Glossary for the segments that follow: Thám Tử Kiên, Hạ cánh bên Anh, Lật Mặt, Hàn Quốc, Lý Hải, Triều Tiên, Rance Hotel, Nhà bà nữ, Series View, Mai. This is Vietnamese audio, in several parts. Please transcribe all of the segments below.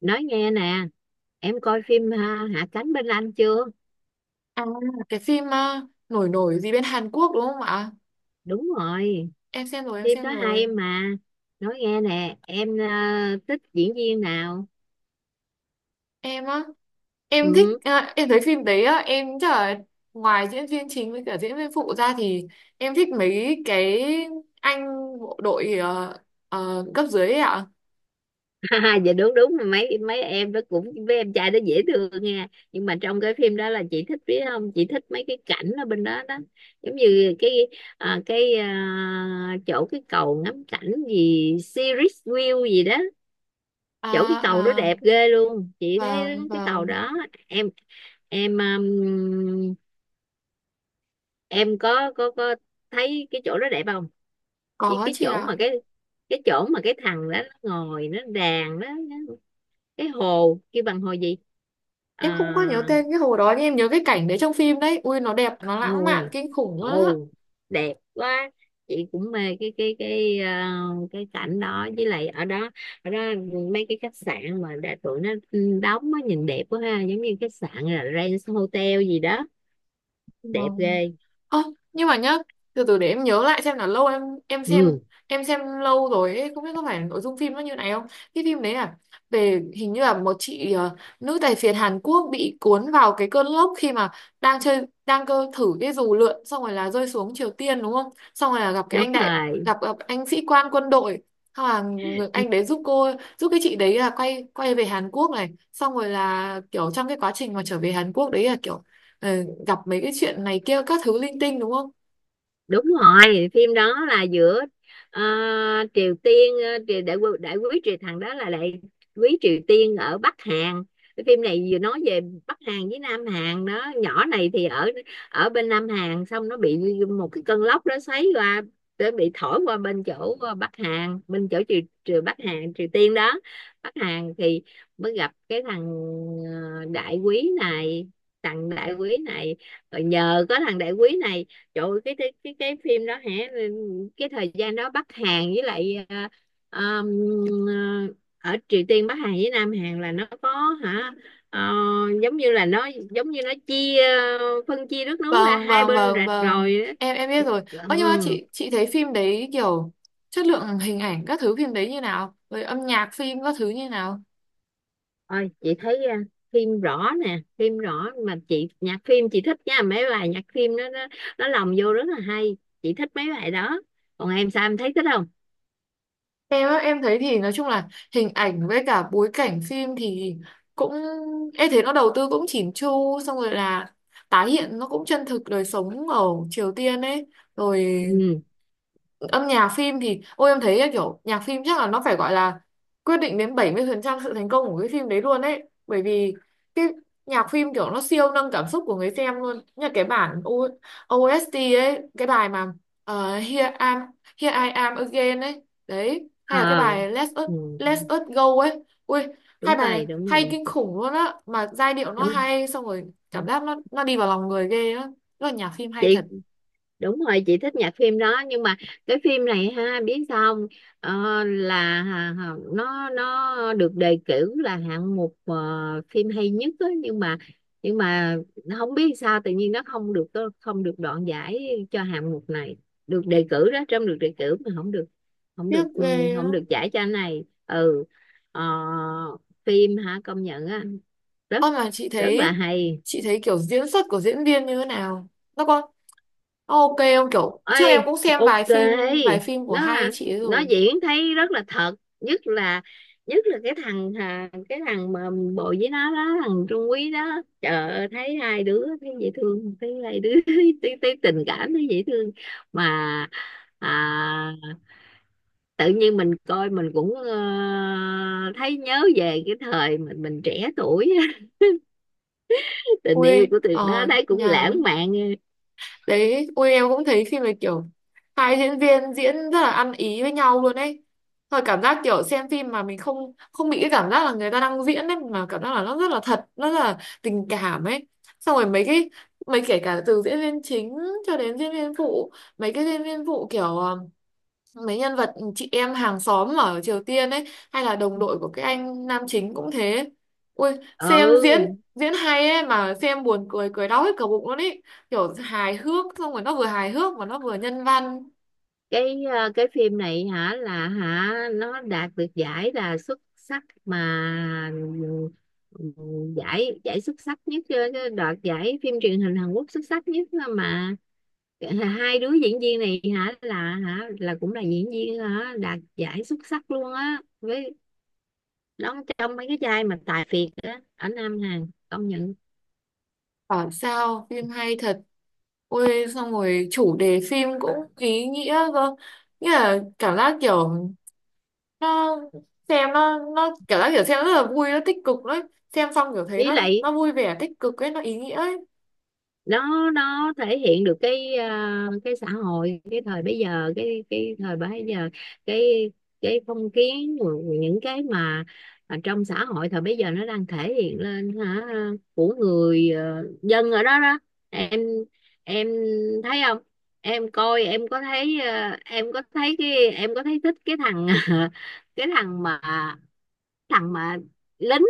Nói nghe nè, em coi phim ha, Hạ cánh bên Anh chưa? À, cái phim nổi nổi gì bên Hàn Quốc đúng không ạ? Đúng rồi. Em xem rồi, em Phim xem đó hay rồi. mà. Nói nghe nè em, thích diễn viên nào? Em á, em thích, Ừ. à, em thấy phim đấy á, em chắc là ngoài diễn viên chính với cả diễn viên phụ ra thì em thích mấy cái anh bộ đội cấp dưới ấy ạ. Dạ đúng đúng, mấy mấy em đó cũng, với em trai đó dễ thương nha. Nhưng mà trong cái phim đó là chị thích, biết không, chị thích mấy cái cảnh ở bên đó đó. Giống như cái ờ, cái ờ, chỗ cái cầu ngắm cảnh gì, Series View gì đó. Chỗ cái cầu đó À, à, đẹp ghê luôn, chị thấy vâng, cái cầu vâng, đó. Em em um, em có thấy cái chỗ đó đẹp không? Với có cái chị chỗ mà ạ. cái chỗ mà cái thằng đó nó ngồi nó đàn đó, cái hồ kêu bằng hồ gì? À, Em không có nhớ tên cái hồ đó nhưng em nhớ cái cảnh đấy trong phim đấy. Ui, nó đẹp, nó lãng mạn, ôi, kinh khủng lắm. ồ, đẹp quá. Chị cũng mê cái cảnh đó, với lại ở đó, ở đó, mấy cái khách sạn mà đã tụi nó đóng á, nhìn đẹp quá ha, giống như khách sạn là Rance Hotel gì đó. Đẹp Vâng. ghê. Ơ, nhưng mà nhá, từ từ để em nhớ lại xem là lâu em xem Ừ, em xem lâu rồi ấy, không biết có phải nội dung phim nó như này không? Cái phim đấy là về hình như là một chị ờ, nữ tài phiệt Hàn Quốc bị cuốn vào cái cơn lốc khi mà đang chơi đang cơ thử cái dù lượn xong rồi là rơi xuống Triều Tiên đúng không? Xong rồi là gặp cái đúng anh đại rồi, gặp gặp anh sĩ quan quân đội. Xong là người- anh đấy giúp cô giúp cái chị đấy là quay quay về Hàn Quốc này, xong rồi là kiểu trong cái quá trình mà trở về Hàn Quốc đấy là kiểu ờ, gặp mấy cái chuyện này kia các thứ linh tinh đúng không? đúng rồi. Phim đó là giữa ờ, Triều Tiên, triều đại, đại quý triều, thằng đó là đại quý Triều Tiên ở Bắc Hàn. Cái phim này vừa nói về Bắc Hàn với Nam Hàn đó. Nhỏ này thì ở ở bên Nam Hàn, xong nó bị một cái cơn lốc đó xoáy qua, để bị thổi qua bên chỗ Bắc Hàn, bên chỗ triều Bắc Hàn, Triều Tiên đó. Bắc Hàn thì mới gặp cái thằng đại quý này, thằng đại quý này, rồi nhờ có thằng đại quý này. Trời ơi, cái phim đó hả? Ừ, cái thời gian đó, Bắc Hàn với lại ờm, ờ, ở Triều Tiên, Bắc Hàn với Nam Hàn là nó có hả, ờ, giống như nó chia, phân chia đất nước ra Vâng hai vâng bên vâng rạch vâng, rồi á. em biết rồi. Ơ nhưng mà Ừ. chị thấy phim đấy kiểu chất lượng hình ảnh các thứ phim đấy như nào? Rồi âm nhạc phim các thứ như nào? Ôi, chị thấy phim rõ nè, phim rõ mà chị, nhạc phim chị thích nha, mấy bài nhạc phim nó nó lồng vô rất là hay. Chị thích mấy bài đó. Còn em sao, em thấy thích không? Em á, em thấy thì nói chung là hình ảnh với cả bối cảnh phim thì cũng em thấy nó đầu tư cũng chỉn chu xong rồi là tái hiện nó cũng chân thực đời sống ở Triều Tiên ấy, rồi Ừ. âm nhạc phim thì ôi em thấy ấy, kiểu nhạc phim chắc là nó phải gọi là quyết định đến 70% sự thành công của cái phim đấy luôn ấy, bởi vì cái nhạc phim kiểu nó siêu nâng cảm xúc của người xem luôn như cái bản OST ấy, cái bài mà ờ, Here I'm Here I Am Again ấy đấy, hay là cái Ờ. bài Ừ. Let Ừ, Us Go ấy, ui hai đúng bài này rồi, đúng hay rồi. kinh khủng luôn á, mà giai điệu nó Đúng. hay xong rồi cảm giác nó đi vào lòng người ghê á, nó là nhạc phim hay Chị, thật, đúng rồi, chị thích nhạc phim đó. Nhưng mà cái phim này ha, biết sao không? Ờ, là nó được đề cử là hạng mục phim hay nhất á, nhưng mà nó không biết sao, tự nhiên nó không được đoạn giải cho hạng mục này. Được đề cử đó, trong được đề cử mà không được tiếc ghê á. không được giải cho anh này. Ừ. Ờ, phim hả, công nhận á, rất Ơ mà chị rất là thấy, hay. Kiểu diễn xuất của diễn viên như thế nào? Nó có nó ok không, kiểu trước em Ơi, cũng xem ok. Vài phim của nó hai là chị ấy nó rồi. diễn thấy rất là thật. Nhất là nhất là cái thằng mà bộ với nó đó, thằng Trung Quý đó. Trời ơi, thấy hai đứa thấy dễ thương, thấy hai đứa thấy tình cảm, thấy dễ thương. Mà à, tự nhiên mình coi, mình cũng thấy nhớ về cái thời mình trẻ tuổi. Tình Ui yêu của tụi nó ờ thấy cũng nhà lãng mạn. đấy, ui em cũng thấy phim này kiểu hai diễn viên diễn rất là ăn ý với nhau luôn ấy. Thôi cảm giác kiểu xem phim mà mình không không bị cái cảm giác là người ta đang diễn ấy, mà cảm giác là nó rất là thật, nó rất là tình cảm ấy. Xong rồi mấy cái mấy kể cả từ diễn viên chính cho đến diễn viên phụ, mấy cái diễn viên phụ kiểu mấy nhân vật chị em hàng xóm ở Triều Tiên ấy, hay là đồng đội của cái anh nam chính cũng thế, ui xem diễn Ừ, diễn hay ấy mà xem buồn cười cười đau hết cả bụng luôn ấy, kiểu hài hước xong rồi nó vừa hài hước mà nó vừa nhân văn, cái phim này hả là hả, nó đạt được giải là xuất sắc mà. Ừ, giải giải xuất sắc nhất, cái đoạt giải phim truyền hình Hàn Quốc xuất sắc nhất là mà, hai đứa diễn viên này hả là cũng là diễn viên hả, đạt giải xuất sắc luôn á, với đóng trong mấy cái vai mà tài phiệt á ở Nam Hàn, công nhận. bảo sao phim hay thật. Ôi xong rồi chủ đề phim cũng ý nghĩa, cơ nghĩa là cảm giác kiểu nó xem nó cảm giác kiểu xem rất là vui, nó tích cực đấy, xem xong kiểu thấy Với nó lại nó vui vẻ tích cực ấy, nó ý nghĩa ấy. nó thể hiện được cái cái xã hội, cái thời bây giờ, cái thời bây giờ, cái cái phong kiến, những cái mà ở trong xã hội thời bây giờ nó đang thể hiện lên hả, của người dân ở đó đó. Em em thấy không? Em coi em có thấy, em có thấy cái, em có thấy thích cái thằng, cái thằng mà lính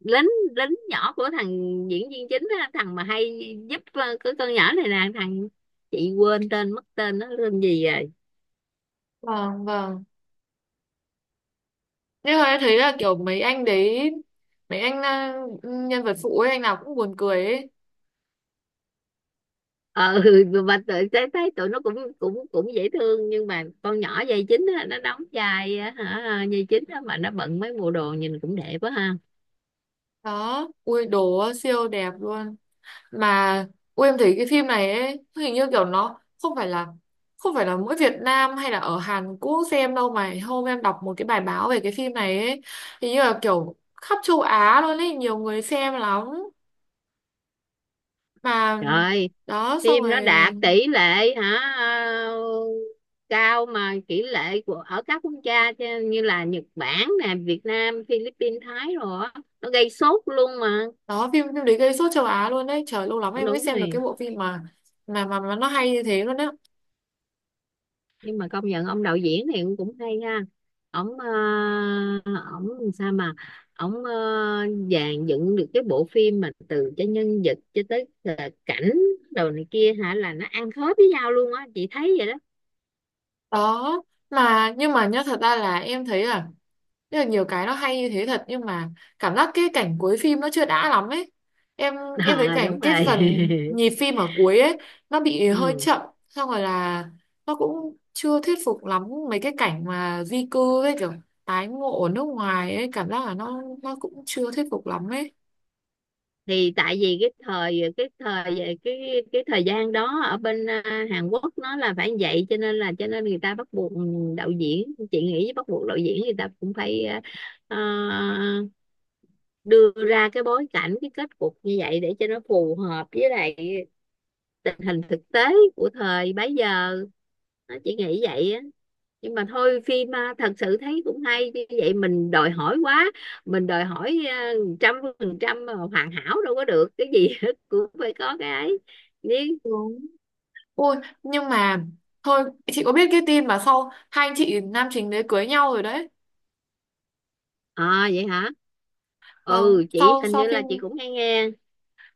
lính lính nhỏ của thằng diễn viên chính á, thằng mà hay giúp cái con nhỏ này nè, thằng, chị quên tên mất, tên nó tên gì rồi. Vâng vâng. Nhưng mà em thấy là kiểu mấy anh đấy, mấy anh nhân vật phụ ấy, anh nào cũng buồn cười ấy. Ờ, mà tự thấy thấy tụi nó cũng cũng cũng dễ thương, nhưng mà con nhỏ vai chính á, nó đóng vai á, hả vai chính á, mà nó bận mấy bộ đồ nhìn cũng đẹp quá ha. Đó, ui đồ siêu đẹp luôn. Mà ui em thấy cái phim này ấy, hình như kiểu nó không phải là không phải là mỗi Việt Nam hay là ở Hàn Quốc xem đâu, mà hôm em đọc một cái bài báo về cái phim này ấy, hình như là kiểu khắp châu Á luôn ấy, nhiều người xem lắm. Mà Trời, đó xong phim nó rồi, đạt tỷ lệ hả, cao mà. Tỷ lệ của ở các quốc gia chứ, như là Nhật Bản nè, Việt Nam, Philippines, Thái rồi á, nó gây sốt luôn mà. đó phim phim đấy gây sốt châu Á luôn đấy. Trời lâu lắm Ờ, em mới đúng xem được cái rồi. bộ phim mà mà nó hay như thế luôn đấy. Nhưng mà công nhận ông đạo diễn thì cũng hay ha. Ông uh, ông sao mà, ông dàn dựng được cái bộ phim mà, từ cho nhân vật cho tới cảnh, đồ này kia hả, là nó ăn khớp với nhau luôn á, chị thấy vậy đó. Đó mà nhưng mà nhá, thật ra là em thấy là rất là nhiều cái nó hay như thế thật, nhưng mà cảm giác cái cảnh cuối phim nó chưa đã lắm ấy. Em em thấy À, cảnh đúng cái phần rồi. nhịp phim ở cuối ấy nó bị hơi Ừ, chậm, xong rồi là nó cũng chưa thuyết phục lắm mấy cái cảnh mà di cư với kiểu tái ngộ ở nước ngoài ấy, cảm giác là nó cũng chưa thuyết phục lắm ấy. thì tại vì cái thời về cái thời gian đó ở bên Hàn Quốc, nó là phải như vậy, cho nên người ta bắt buộc đạo diễn, chị nghĩ bắt buộc đạo diễn người ta cũng phải à, đưa ra cái bối cảnh, cái kết cục như vậy, để cho nó phù hợp với lại tình hình thực tế của thời bấy giờ. Nó chỉ nghĩ vậy á. Nhưng mà thôi phim thật sự thấy cũng hay như vậy, mình đòi hỏi quá, mình đòi hỏi trăm phần trăm mà hoàn hảo đâu, có được cái gì cũng phải có cái ấy nhưng. Đúng. Ôi nhưng mà thôi, chị có biết cái tin mà sau hai anh chị nam chính đấy cưới nhau rồi đấy. À, vậy hả? Vâng, Ừ, chị sau hình như sau là phim chị cũng hay nghe.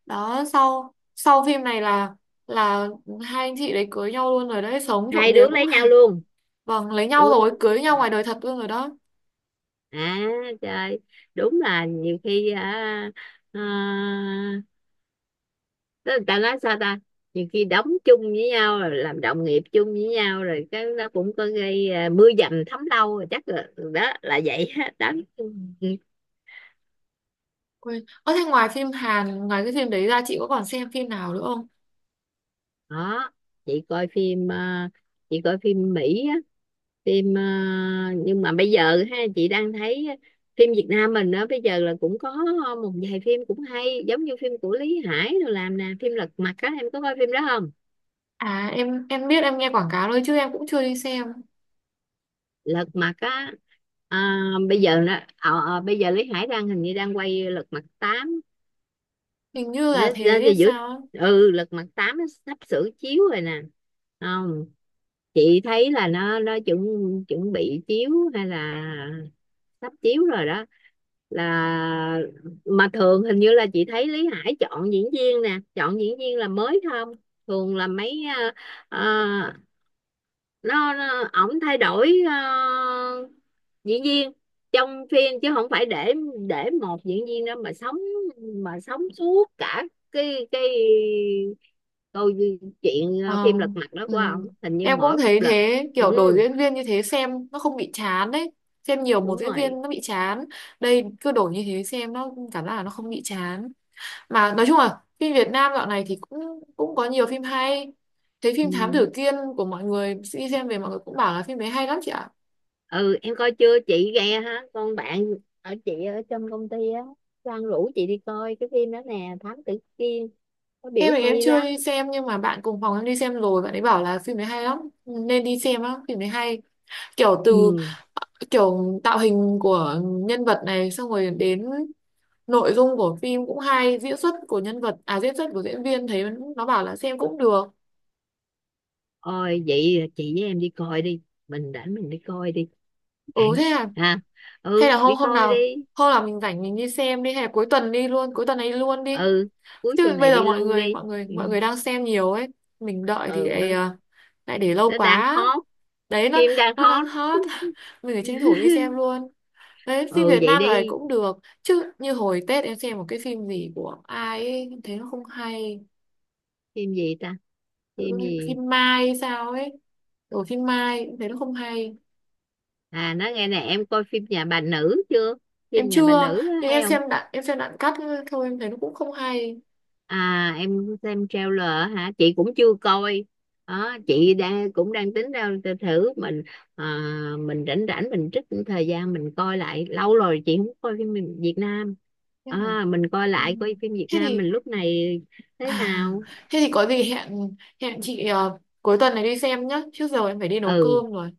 đó, sau sau phim này là hai anh chị đấy cưới nhau luôn rồi đấy, sống trộm Hai vía đứa cũng lấy hay. nhau luôn? Vâng lấy Ừ. nhau rồi cưới nhau ngoài đời thật luôn rồi đó. À, trời, đúng là nhiều khi à, tức là, ta nói sao ta, nhiều khi đóng chung với nhau rồi làm đồng nghiệp chung với nhau rồi, cái nó cũng có gây, mưa dầm thấm lâu rồi chắc là đó là vậy á, đó. Quên ơ thế ngoài phim Hàn ngoài cái phim đấy ra chị có còn xem phim nào nữa không? Đó, chị coi phim, chị coi phim Mỹ á, phim nhưng mà bây giờ ha, chị đang thấy phim Việt Nam mình á, bây giờ là cũng có một vài phim cũng hay, giống như phim của Lý Hải rồi làm nè, phim Lật Mặt á, em có coi phim đó không? À em biết, em nghe quảng cáo thôi chứ em cũng chưa đi xem. Lật Mặt á. À, bây giờ bây giờ Lý Hải đang hình như đang quay Lật Mặt tám. Hình như nó, là thế nó, nó hay giữ. sao ấy. Ừ, Lật Mặt 8 nó sắp sửa chiếu rồi nè. Không, chị thấy là nó chuẩn chuẩn bị chiếu, hay là sắp chiếu rồi đó, là mà thường hình như là chị thấy Lý Hải chọn diễn viên nè, chọn diễn viên là mới không, thường là mấy ờ, nó ổng thay đổi diễn viên trong phim, chứ không phải để một diễn viên đó mà sống, suốt cả cái câu chuyện, Ờ, phim Lật Mặt đó ừ. của ông, hình như Em cũng mỗi một thấy lần. thế, kiểu đổi Ừ, diễn viên như thế xem nó không bị chán đấy, xem nhiều đúng một diễn rồi. viên nó bị chán, đây cứ đổi như thế xem nó cảm giác là nó không bị chán. Mà nói chung là phim Việt Nam dạo này thì cũng cũng có nhiều phim hay, thấy phim Thám Ừ. Tử Kiên của mọi người đi xem về mọi người cũng bảo là phim đấy hay lắm chị ạ. Ừ, em coi chưa? Chị ghe hả, con bạn ở chị, ở trong công ty á, Sang rủ chị đi coi cái phim đó nè, Thám Tử Kiên, có biểu Em thì em hay chưa lắm. đi xem nhưng mà bạn cùng phòng em đi xem rồi, bạn ấy bảo là phim đấy hay lắm nên đi xem á, phim đấy hay kiểu từ Ừ. kiểu tạo hình của nhân vật này xong rồi đến nội dung của phim cũng hay, diễn xuất của nhân vật à diễn xuất của diễn viên thấy, nó bảo là xem cũng được. Ôi, vậy chị với em đi coi đi. Mình rảnh mình đi coi đi Ừ thế à, ha. hay Ừ, là hôm đi coi đi. hôm nào mình rảnh mình đi xem đi, hay là cuối tuần đi luôn cuối tuần ấy luôn đi, Ừ, cuối tuần chứ này bây giờ đi luôn đi. Ừ. mọi người đang xem nhiều ấy, mình đợi thì Ừ, lại, nó, à, lại để lâu nó đang quá, hot. đấy Phim đang nó hot. đang hot. Mình phải tranh thủ đi xem luôn, đấy phim Ừ, Việt vậy Nam lại đi. cũng được chứ, như hồi Tết em xem một cái phim gì của ai ấy em thấy nó không hay. Phim gì ta? Tự Phim nhiên gì? phim Mai hay sao ấy, ở phim Mai em thấy nó không hay. À, nói nghe nè, em coi phim Nhà bà nữ chưa? Em Phim Nhà bà chưa, nữ đó nhưng hay không? Em xem đoạn cắt thôi, em thấy nó cũng không hay. À, em xem trailer hả? Chị cũng chưa coi. Đó, chị đang cũng đang tính ra, thử mình, à, mình rảnh rảnh mình trích thời gian mình coi lại, lâu rồi chị không coi phim Việt Việt Nam. À, mình coi Ừ. lại, coi phim Việt Thế Nam thì mình lúc này thế à, nào. thế thì có gì hẹn hẹn chị cuối tuần này đi xem nhá. Trước giờ em phải đi nấu Ừ, cơm rồi.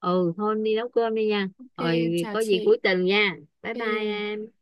ừ, thôi đi nấu cơm đi nha. Ok, em Rồi, chào có gì chị. cuối tuần nha. Bye bye Ok. em.